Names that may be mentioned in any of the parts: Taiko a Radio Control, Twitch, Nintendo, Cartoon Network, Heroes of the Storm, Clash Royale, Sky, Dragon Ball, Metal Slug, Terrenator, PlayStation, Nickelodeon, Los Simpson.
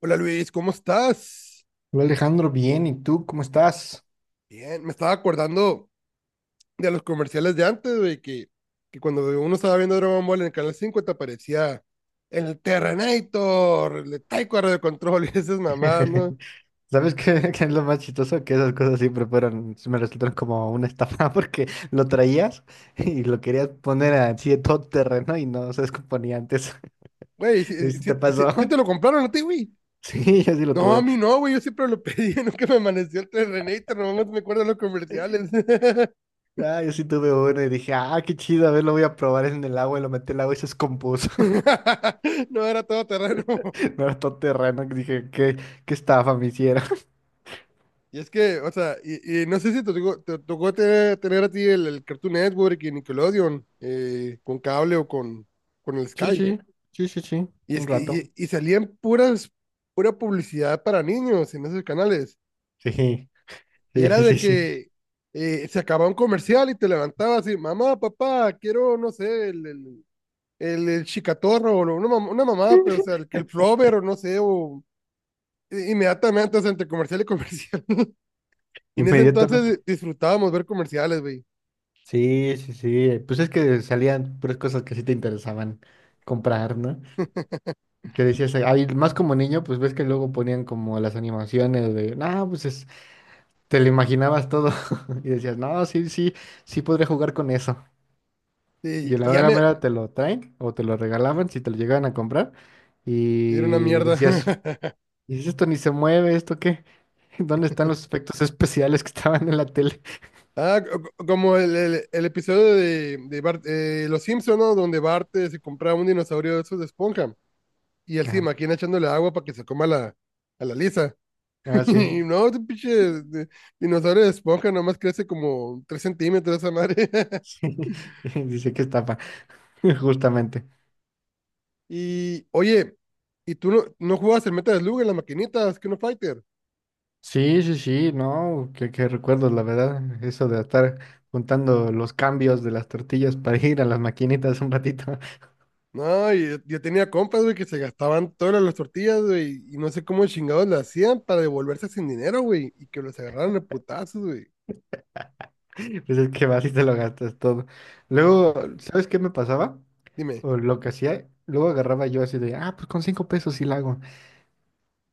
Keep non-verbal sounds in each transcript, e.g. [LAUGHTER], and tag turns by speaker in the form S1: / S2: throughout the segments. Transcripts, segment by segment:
S1: Hola Luis, ¿cómo estás?
S2: Hola Alejandro, bien, ¿y tú cómo estás?
S1: Bien, me estaba acordando de los comerciales de antes, güey, que cuando uno estaba viendo Dragon Ball en el canal 5, te aparecía el Terrenator, el Taiko a Radio Control [LAUGHS] y esas mamadas, ¿no?
S2: [LAUGHS] ¿Sabes qué es lo más chistoso? Que esas cosas siempre fueron, me resultaron como una estafa [LAUGHS] porque lo traías y lo querías poner así de todo terreno y no se descomponía antes.
S1: Güey, ¿sí,
S2: [LAUGHS] ¿Y
S1: sí,
S2: si te
S1: sí
S2: pasó?
S1: sí te
S2: [LAUGHS]
S1: lo compraron a ti, güey?
S2: Sí, yo sí lo
S1: No, a
S2: tuve.
S1: mí no, güey, yo siempre lo pedí, [LAUGHS] nunca me amaneció el Terrenator, nomás me acuerdo de los comerciales. [LAUGHS]
S2: Ah, yo sí tuve uno y dije, ah, qué chido, a ver, lo voy a probar en el agua y lo metí al agua y se descompuso.
S1: No era todo terreno.
S2: [LAUGHS] No era todo terreno, que dije, qué estafa me hicieron. [LAUGHS]
S1: Y es que, o sea, y no sé si te tocó tener a ti el Cartoon Network y Nickelodeon, con cable o con el
S2: Sí,
S1: Sky.
S2: sí, sí, sí, sí,
S1: Y es
S2: un
S1: que
S2: rato.
S1: y salían pura publicidad para niños en esos canales.
S2: Sí, sí,
S1: Y era
S2: sí,
S1: de
S2: sí, sí.
S1: que se acababa un comercial y te levantabas y, mamá, papá, quiero, no sé, el chicatorro o una mamá, pero, o
S2: [LAUGHS]
S1: sea, que el flover o no sé, o inmediatamente, o sea, entre comercial y comercial. [LAUGHS] Y en ese
S2: Inmediatamente.
S1: entonces disfrutábamos ver comerciales, güey.
S2: Sí, sí, sí. Pues es que salían puras cosas que sí te interesaban comprar, ¿no? Que decías, ay, más como niño, pues ves que luego ponían como las animaciones de, no, te lo imaginabas todo. [LAUGHS] Y decías, no, sí, sí, sí podría jugar con eso. Y
S1: Sí,
S2: a
S1: y
S2: la
S1: ya
S2: mera
S1: me...
S2: mera te lo traen o te lo regalaban si te lo llegaban a comprar.
S1: Era una
S2: Y
S1: mierda.
S2: decías,
S1: [LAUGHS]
S2: ¿y si esto ni se mueve? ¿Esto qué? [LAUGHS] ¿Dónde están los efectos especiales que estaban en la tele?
S1: Ah, como el episodio de Bart, Los Simpson, ¿no? Donde Bart, se compraba un dinosaurio de esos de esponja y el se
S2: Ah,
S1: imagina echándole agua para que se coma a la Lisa.
S2: ah, sí.
S1: [LAUGHS] Y no,
S2: [LAUGHS]
S1: ese pinche dinosaurio de esponja nomás crece como 3 centímetros esa madre. [LAUGHS]
S2: Sí. Dice que estafa, [LAUGHS] justamente.
S1: Y, oye, ¿y tú no jugabas el Metal Slug en las maquinitas, que no Fighter?
S2: Sí, sí, sí, no, qué recuerdos, la verdad, eso de estar juntando los cambios de las tortillas para ir a las maquinitas un ratito,
S1: No, y yo tenía compas, güey, que se gastaban todas las tortillas, güey, y no sé cómo chingados le hacían para devolverse sin dinero, güey, y que los agarraran de putazos, güey.
S2: [LAUGHS] pues es que vas y te lo gastas todo. Luego, ¿sabes qué me pasaba?
S1: Dime.
S2: O lo que hacía, luego agarraba yo así de, ah, pues con 5 pesos sí la hago.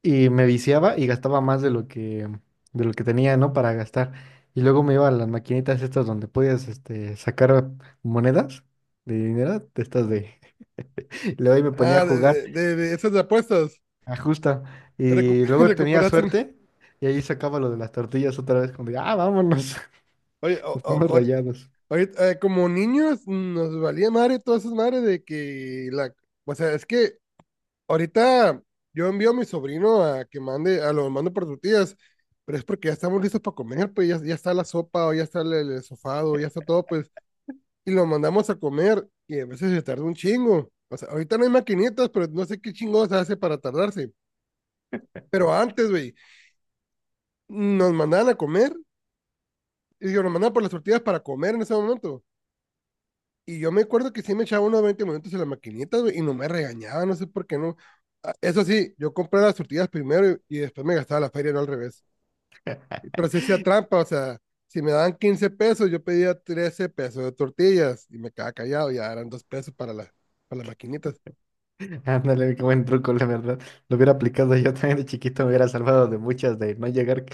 S2: Y me viciaba y gastaba más de lo que tenía, ¿no? Para gastar. Y luego me iba a las maquinitas estas donde podías, este, sacar monedas de dinero, de estas de... [LAUGHS] Y luego ahí me ponía a
S1: Ah, de,
S2: jugar.
S1: de, de- de esas de apuestas.
S2: Ajusta
S1: Recu
S2: Y
S1: [LAUGHS]
S2: luego tenía
S1: Recuperación.
S2: suerte y ahí sacaba lo de las tortillas otra vez, como de, ah, vámonos, [LAUGHS]
S1: Oye,
S2: nos fuimos rayados.
S1: ahorita, como niños nos valía madre todas esas madres de que la... O sea, es que ahorita yo envío a mi sobrino a que mande, a lo mando por tortillas, pero es porque ya estamos listos para comer, pues ya, ya está la sopa o ya está el sofado, ya está todo, pues y lo mandamos a comer y a veces se tarda un chingo. O sea, ahorita no hay maquinitas, pero no sé qué chingados hace para tardarse. Pero antes, güey, nos mandaban a comer y yo nos mandaban por las tortillas para comer en ese momento. Y yo me acuerdo que sí me echaba unos 20 minutos en la maquinita, güey, y no me regañaba, no sé por qué no. Ah, eso sí, yo compré las tortillas primero y después me gastaba la feria, no al revés. Pero sí hacía trampa, o sea, si me daban 15 pesos, yo pedía 13 pesos de tortillas y me quedaba callado, ya eran 2 pesos para las maquinitas.
S2: [LAUGHS] Ándale, qué buen truco, la verdad. Lo hubiera aplicado yo también de chiquito, me hubiera salvado de muchas,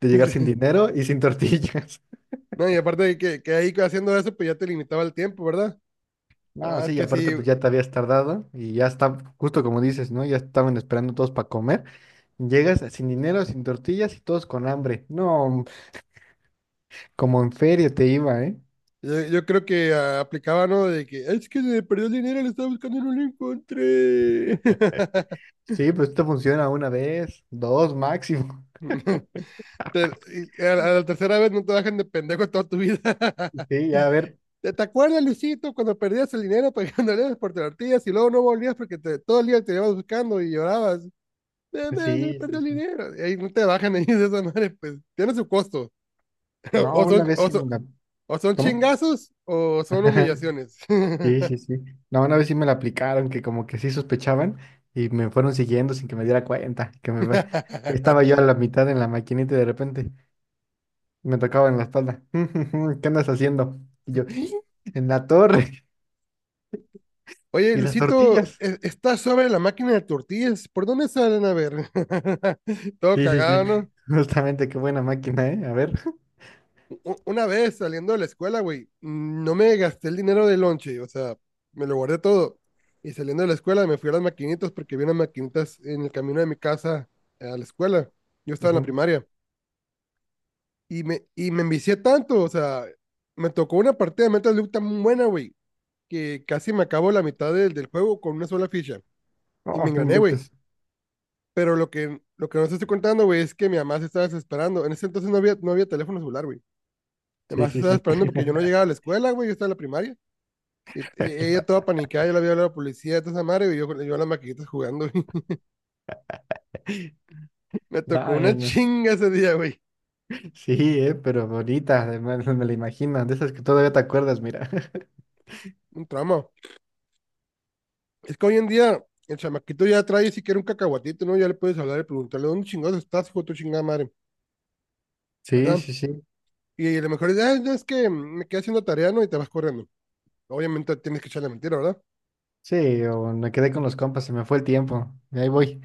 S2: de llegar sin
S1: Sí.
S2: dinero y sin tortillas. [LAUGHS]
S1: No, y aparte de que ahí haciendo eso, pues ya te limitaba el tiempo, ¿verdad?
S2: No,
S1: No, es
S2: sí, y
S1: que sí,
S2: aparte pues ya te habías tardado y ya está, justo como dices, ¿no? Ya estaban esperando todos para comer. Llegas sin dinero, sin tortillas y todos con hambre. No, como en feria te iba, ¿eh?
S1: yo creo que, aplicaba, ¿no? De que, es que se me perdió el dinero, lo estaba buscando y no lo encontré.
S2: Sí, pues esto funciona una vez, dos máximo.
S1: [LAUGHS] Te- y a la tercera vez no te dejan de pendejo toda tu vida. [LAUGHS]
S2: Sí, a ver,
S1: ¿Te acuerdas, Luisito, cuando perdías el dinero pagando, [LAUGHS] andabas por tortillas y luego no volvías porque todo el día te ibas buscando y llorabas? "Se me
S2: sí,
S1: perdió
S2: sí,
S1: el
S2: sí.
S1: dinero. Y ahí no te bajan [LAUGHS] ahí de esa madre, pues tiene su costo. [LAUGHS]
S2: No,
S1: O
S2: una
S1: son,
S2: vez
S1: o
S2: sí me
S1: son-
S2: la...
S1: O son
S2: ¿Cómo?
S1: chingazos o son
S2: [LAUGHS]
S1: humillaciones.
S2: Sí, sí, sí. No, una vez sí me la aplicaron, que como que sí sospechaban y me fueron siguiendo sin que me diera cuenta, estaba yo
S1: [LAUGHS]
S2: a la mitad en la maquinita y de repente me tocaban la espalda. [LAUGHS] ¿Qué andas haciendo? Y yo, [GASPS] en la torre
S1: Oye,
S2: y las
S1: Luisito,
S2: tortillas.
S1: está sobre la máquina de tortillas. ¿Por dónde salen, a ver? [LAUGHS] Todo
S2: Sí, sí, sí.
S1: cagado,
S2: [LAUGHS]
S1: ¿no?
S2: Justamente, qué buena máquina, ¿eh? A ver. [LAUGHS]
S1: Una vez saliendo de la escuela, güey, no me gasté el dinero del lonche, o sea, me lo guardé todo. Y saliendo de la escuela me fui a las maquinitas porque vi unas maquinitas en el camino de mi casa a la escuela. Yo estaba en la
S2: Ujú.
S1: primaria. Y me envicié tanto, o sea, me tocó una partida de Metal Slug tan buena, güey, que casi me acabo la mitad del juego con una sola ficha. Y me
S2: No, no
S1: engrané, güey.
S2: inventes.
S1: Pero lo que no te estoy contando, güey, es que mi mamá se estaba desesperando. En ese entonces no había teléfono celular, güey. Mi
S2: Sí,
S1: mamá se
S2: sí,
S1: estaba
S2: sí.
S1: esperando porque yo no llegaba a
S2: [LAUGHS]
S1: la escuela, güey. Yo estaba en la primaria. Y ella toda panicada, yo la había hablado a la policía, toda esa madre, güey. Yo a las maquinitas jugando, güey. [LAUGHS] Me
S2: No,
S1: tocó
S2: no,
S1: una
S2: no.
S1: chinga ese día, güey.
S2: Sí, pero bonita, además me la imagino, de esas que todavía te acuerdas, mira. [LAUGHS]
S1: Un trauma. Es que hoy en día el chamaquito ya trae siquiera un cacahuatito, ¿no? Ya le puedes hablar y preguntarle, ¿dónde chingados estás, hijo de tu chingada madre?
S2: Sí,
S1: ¿Verdad?
S2: sí, sí.
S1: Y a lo mejor es, no, es que me quedé haciendo tarea, ¿no? Y te vas corriendo. Obviamente tienes que echarle mentira, ¿verdad?
S2: Sí, o me quedé con los compas, se me fue el tiempo. Y ahí voy.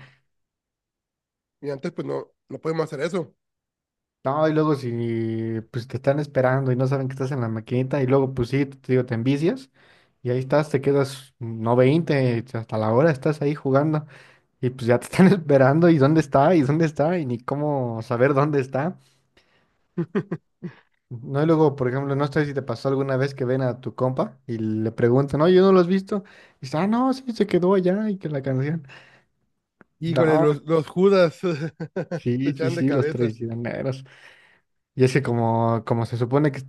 S1: Y antes, pues no, no podemos hacer eso.
S2: No, y luego si pues te están esperando y no saben que estás en la maquinita, y luego pues sí, te digo, te envicias, y ahí estás, te quedas no 20 hasta la hora estás ahí jugando, y pues ya te están [LAUGHS] esperando, y dónde está, y dónde está, y ni cómo saber dónde está.
S1: [LAUGHS]
S2: No, y luego, por ejemplo, no sé si te pasó alguna vez que ven a tu compa y le preguntan, no, yo no lo has visto. Y dice, ah, no, sí, se quedó allá y que la canción.
S1: Híjole,
S2: No,
S1: los Judas [LAUGHS] te
S2: sí, sí,
S1: echan de
S2: sí, los
S1: cabeza.
S2: traicioneros. Y es que como se supone que...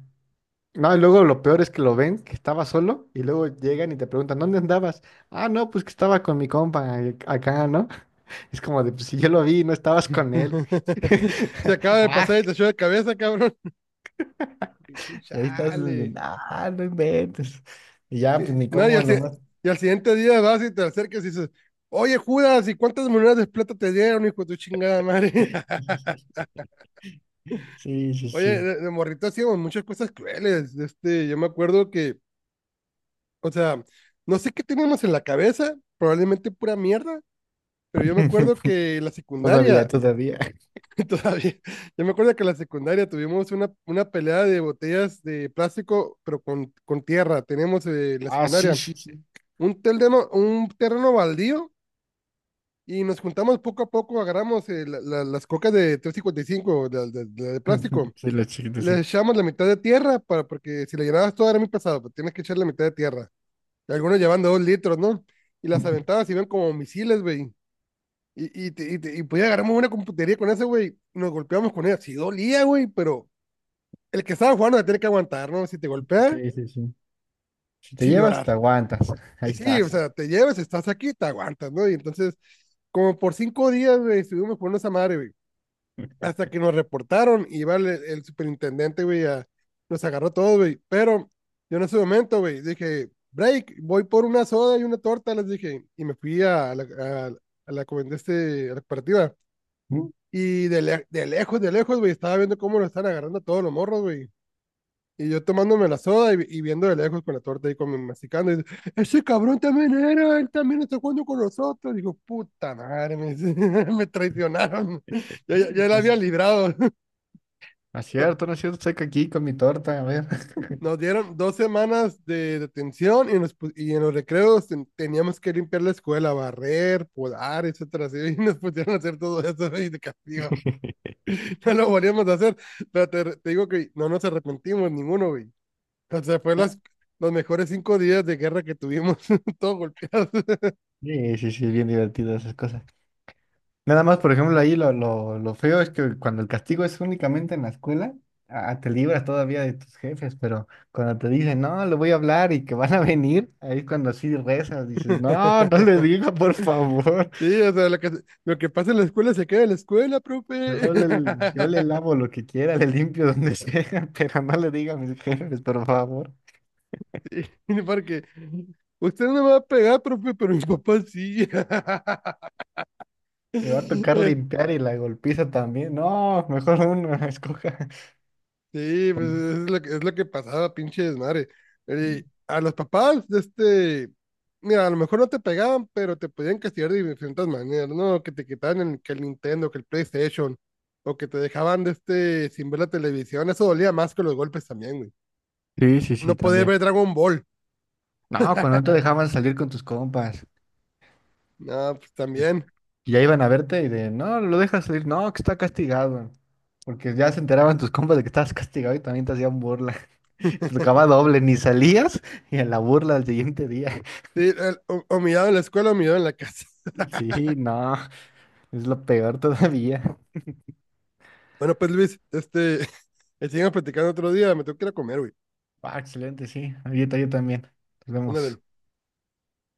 S2: No, y luego lo peor es que lo ven, que estaba solo, y luego llegan y te preguntan, ¿dónde andabas? Ah, no, pues que estaba con mi compa acá, ¿no? [LAUGHS] Es como de, pues si yo lo vi, no estabas con él.
S1: [LAUGHS]
S2: [LAUGHS]
S1: Se acaba de
S2: Ah,
S1: pasar y te echó de cabeza, cabrón. Y tú,
S2: y ahí estás,
S1: chale.
S2: ah, no inventes. Y ya,
S1: Y,
S2: pues ni
S1: no, y,
S2: cómo,
S1: al, si-
S2: nomás.
S1: y al siguiente día vas y te acercas y dices, oye, Judas, ¿y cuántas monedas de plata te dieron, hijo de tu chingada madre? [LAUGHS]
S2: [LAUGHS] Sí, sí,
S1: Oye,
S2: sí.
S1: de morrito hacíamos muchas cosas crueles. Este, yo me acuerdo que, o sea, no sé qué teníamos en la cabeza, probablemente pura mierda. Pero yo me acuerdo
S2: [LAUGHS]
S1: que la
S2: Todavía,
S1: secundaria,
S2: todavía.
S1: [LAUGHS] todavía, yo me acuerdo que la secundaria tuvimos una pelea de botellas de plástico, pero con tierra. Teníamos, en la
S2: Ah, sí,
S1: secundaria,
S2: sí, sí.
S1: un terreno baldío y nos juntamos poco a poco, agarramos, las cocas de 355, la de plástico.
S2: [LAUGHS] Sí, los chiquitos,
S1: Le
S2: sí.
S1: echamos la mitad de tierra, porque si la llenabas toda era muy pesado, pero tienes que echar la mitad de tierra. Y algunos llevan de 2 litros, ¿no? Y las aventadas iban como misiles, güey. Y podía agarramos una computería con ese, güey. Nos golpeamos con ella. Sí dolía, güey, pero el que estaba jugando la tiene que aguantar, ¿no? Si te golpea,
S2: Sí, sí, sí. Si te
S1: sin
S2: llevas, te
S1: llorar.
S2: aguantas. [LAUGHS] Ahí
S1: Sí, o
S2: estás.
S1: sea, te llevas, estás aquí, te aguantas, ¿no? Y entonces, como por 5 días, güey, estuvimos jugando esa madre, güey. Hasta que nos reportaron y iba el superintendente, güey, nos agarró todo, güey. Pero yo en ese momento, güey, dije, break, voy por una soda y una torta, les dije. Y me fui a la, comen- este, a la cooperativa.
S2: Mm.
S1: Y de lejos, güey, estaba viendo cómo lo están agarrando a todos los morros, güey. Y yo tomándome la soda y viendo de lejos con la torta y con mi masticando. Y dice, ese cabrón también era, él también está jugando con nosotros. Digo, puta madre, me, [LAUGHS] me traicionaron. Yo la
S2: No es
S1: había librado. [LAUGHS]
S2: no es cierto, no es cierto. Estoy aquí con mi torta, a ver.
S1: Nos dieron 2 semanas de detención y en los recreos teníamos que limpiar la escuela, barrer, podar, etcétera. Así, [LAUGHS] y nos pusieron a hacer todo eso, güey, de castigo.
S2: [LAUGHS]
S1: [LAUGHS] No lo volvíamos a hacer. Pero te digo que no nos arrepentimos ninguno, güey. O sea, fue
S2: Ah,
S1: los mejores 5 días de guerra que tuvimos, [LAUGHS] todos golpeados.
S2: sí, sí, sí, bien divertido esas cosas. Nada más, por ejemplo, ahí lo feo es que cuando el castigo es únicamente en la escuela, ah, te libras todavía de tus jefes, pero cuando te dicen, no, le voy a hablar y que [LAUGHS] van a venir, ahí es cuando así rezas, dices, no, no le
S1: [LAUGHS]
S2: diga, por favor,
S1: Sí, o sea, lo que pasa en la escuela se queda en la escuela, profe.
S2: yo
S1: [LAUGHS]
S2: le lavo lo que quiera, le limpio donde sea, [LAUGHS] pero no le diga a mis jefes, por favor.
S1: Sí, porque usted no me va a pegar, profe, pero mi papá sí.
S2: Me va a tocar
S1: [LAUGHS]
S2: limpiar y la golpiza también. No, mejor uno, [LAUGHS] escoja.
S1: Sí, pues es lo que pasaba, pinche desmadre. A los papás de este, mira, a lo mejor no te pegaban, pero te podían castigar de diferentes maneras, ¿no? Que te quitaban que el Nintendo, que el PlayStation, o que te dejaban de este sin ver la televisión. Eso dolía más que los golpes también, güey.
S2: Sí, sí,
S1: No
S2: sí,
S1: poder
S2: también.
S1: ver Dragon Ball.
S2: No, cuando no te dejaban salir con tus compas.
S1: No, pues también.
S2: Y ya iban a verte y de, no, lo dejas salir, no, que está castigado. Porque ya se enteraban tus compas de que estabas castigado y también te hacían burla. [LAUGHS] Te tocaba doble, ni salías y en la burla al siguiente día.
S1: Sí, o mirado en la escuela o mirado en la casa.
S2: [LAUGHS]
S1: [LAUGHS]
S2: Sí, no, es lo peor todavía.
S1: Bueno, pues Luis, este, [LAUGHS] seguimos platicando otro día, me tengo que ir a comer, güey.
S2: Ah, excelente, sí. Ahorita yo también. Nos
S1: Ándale.
S2: vemos.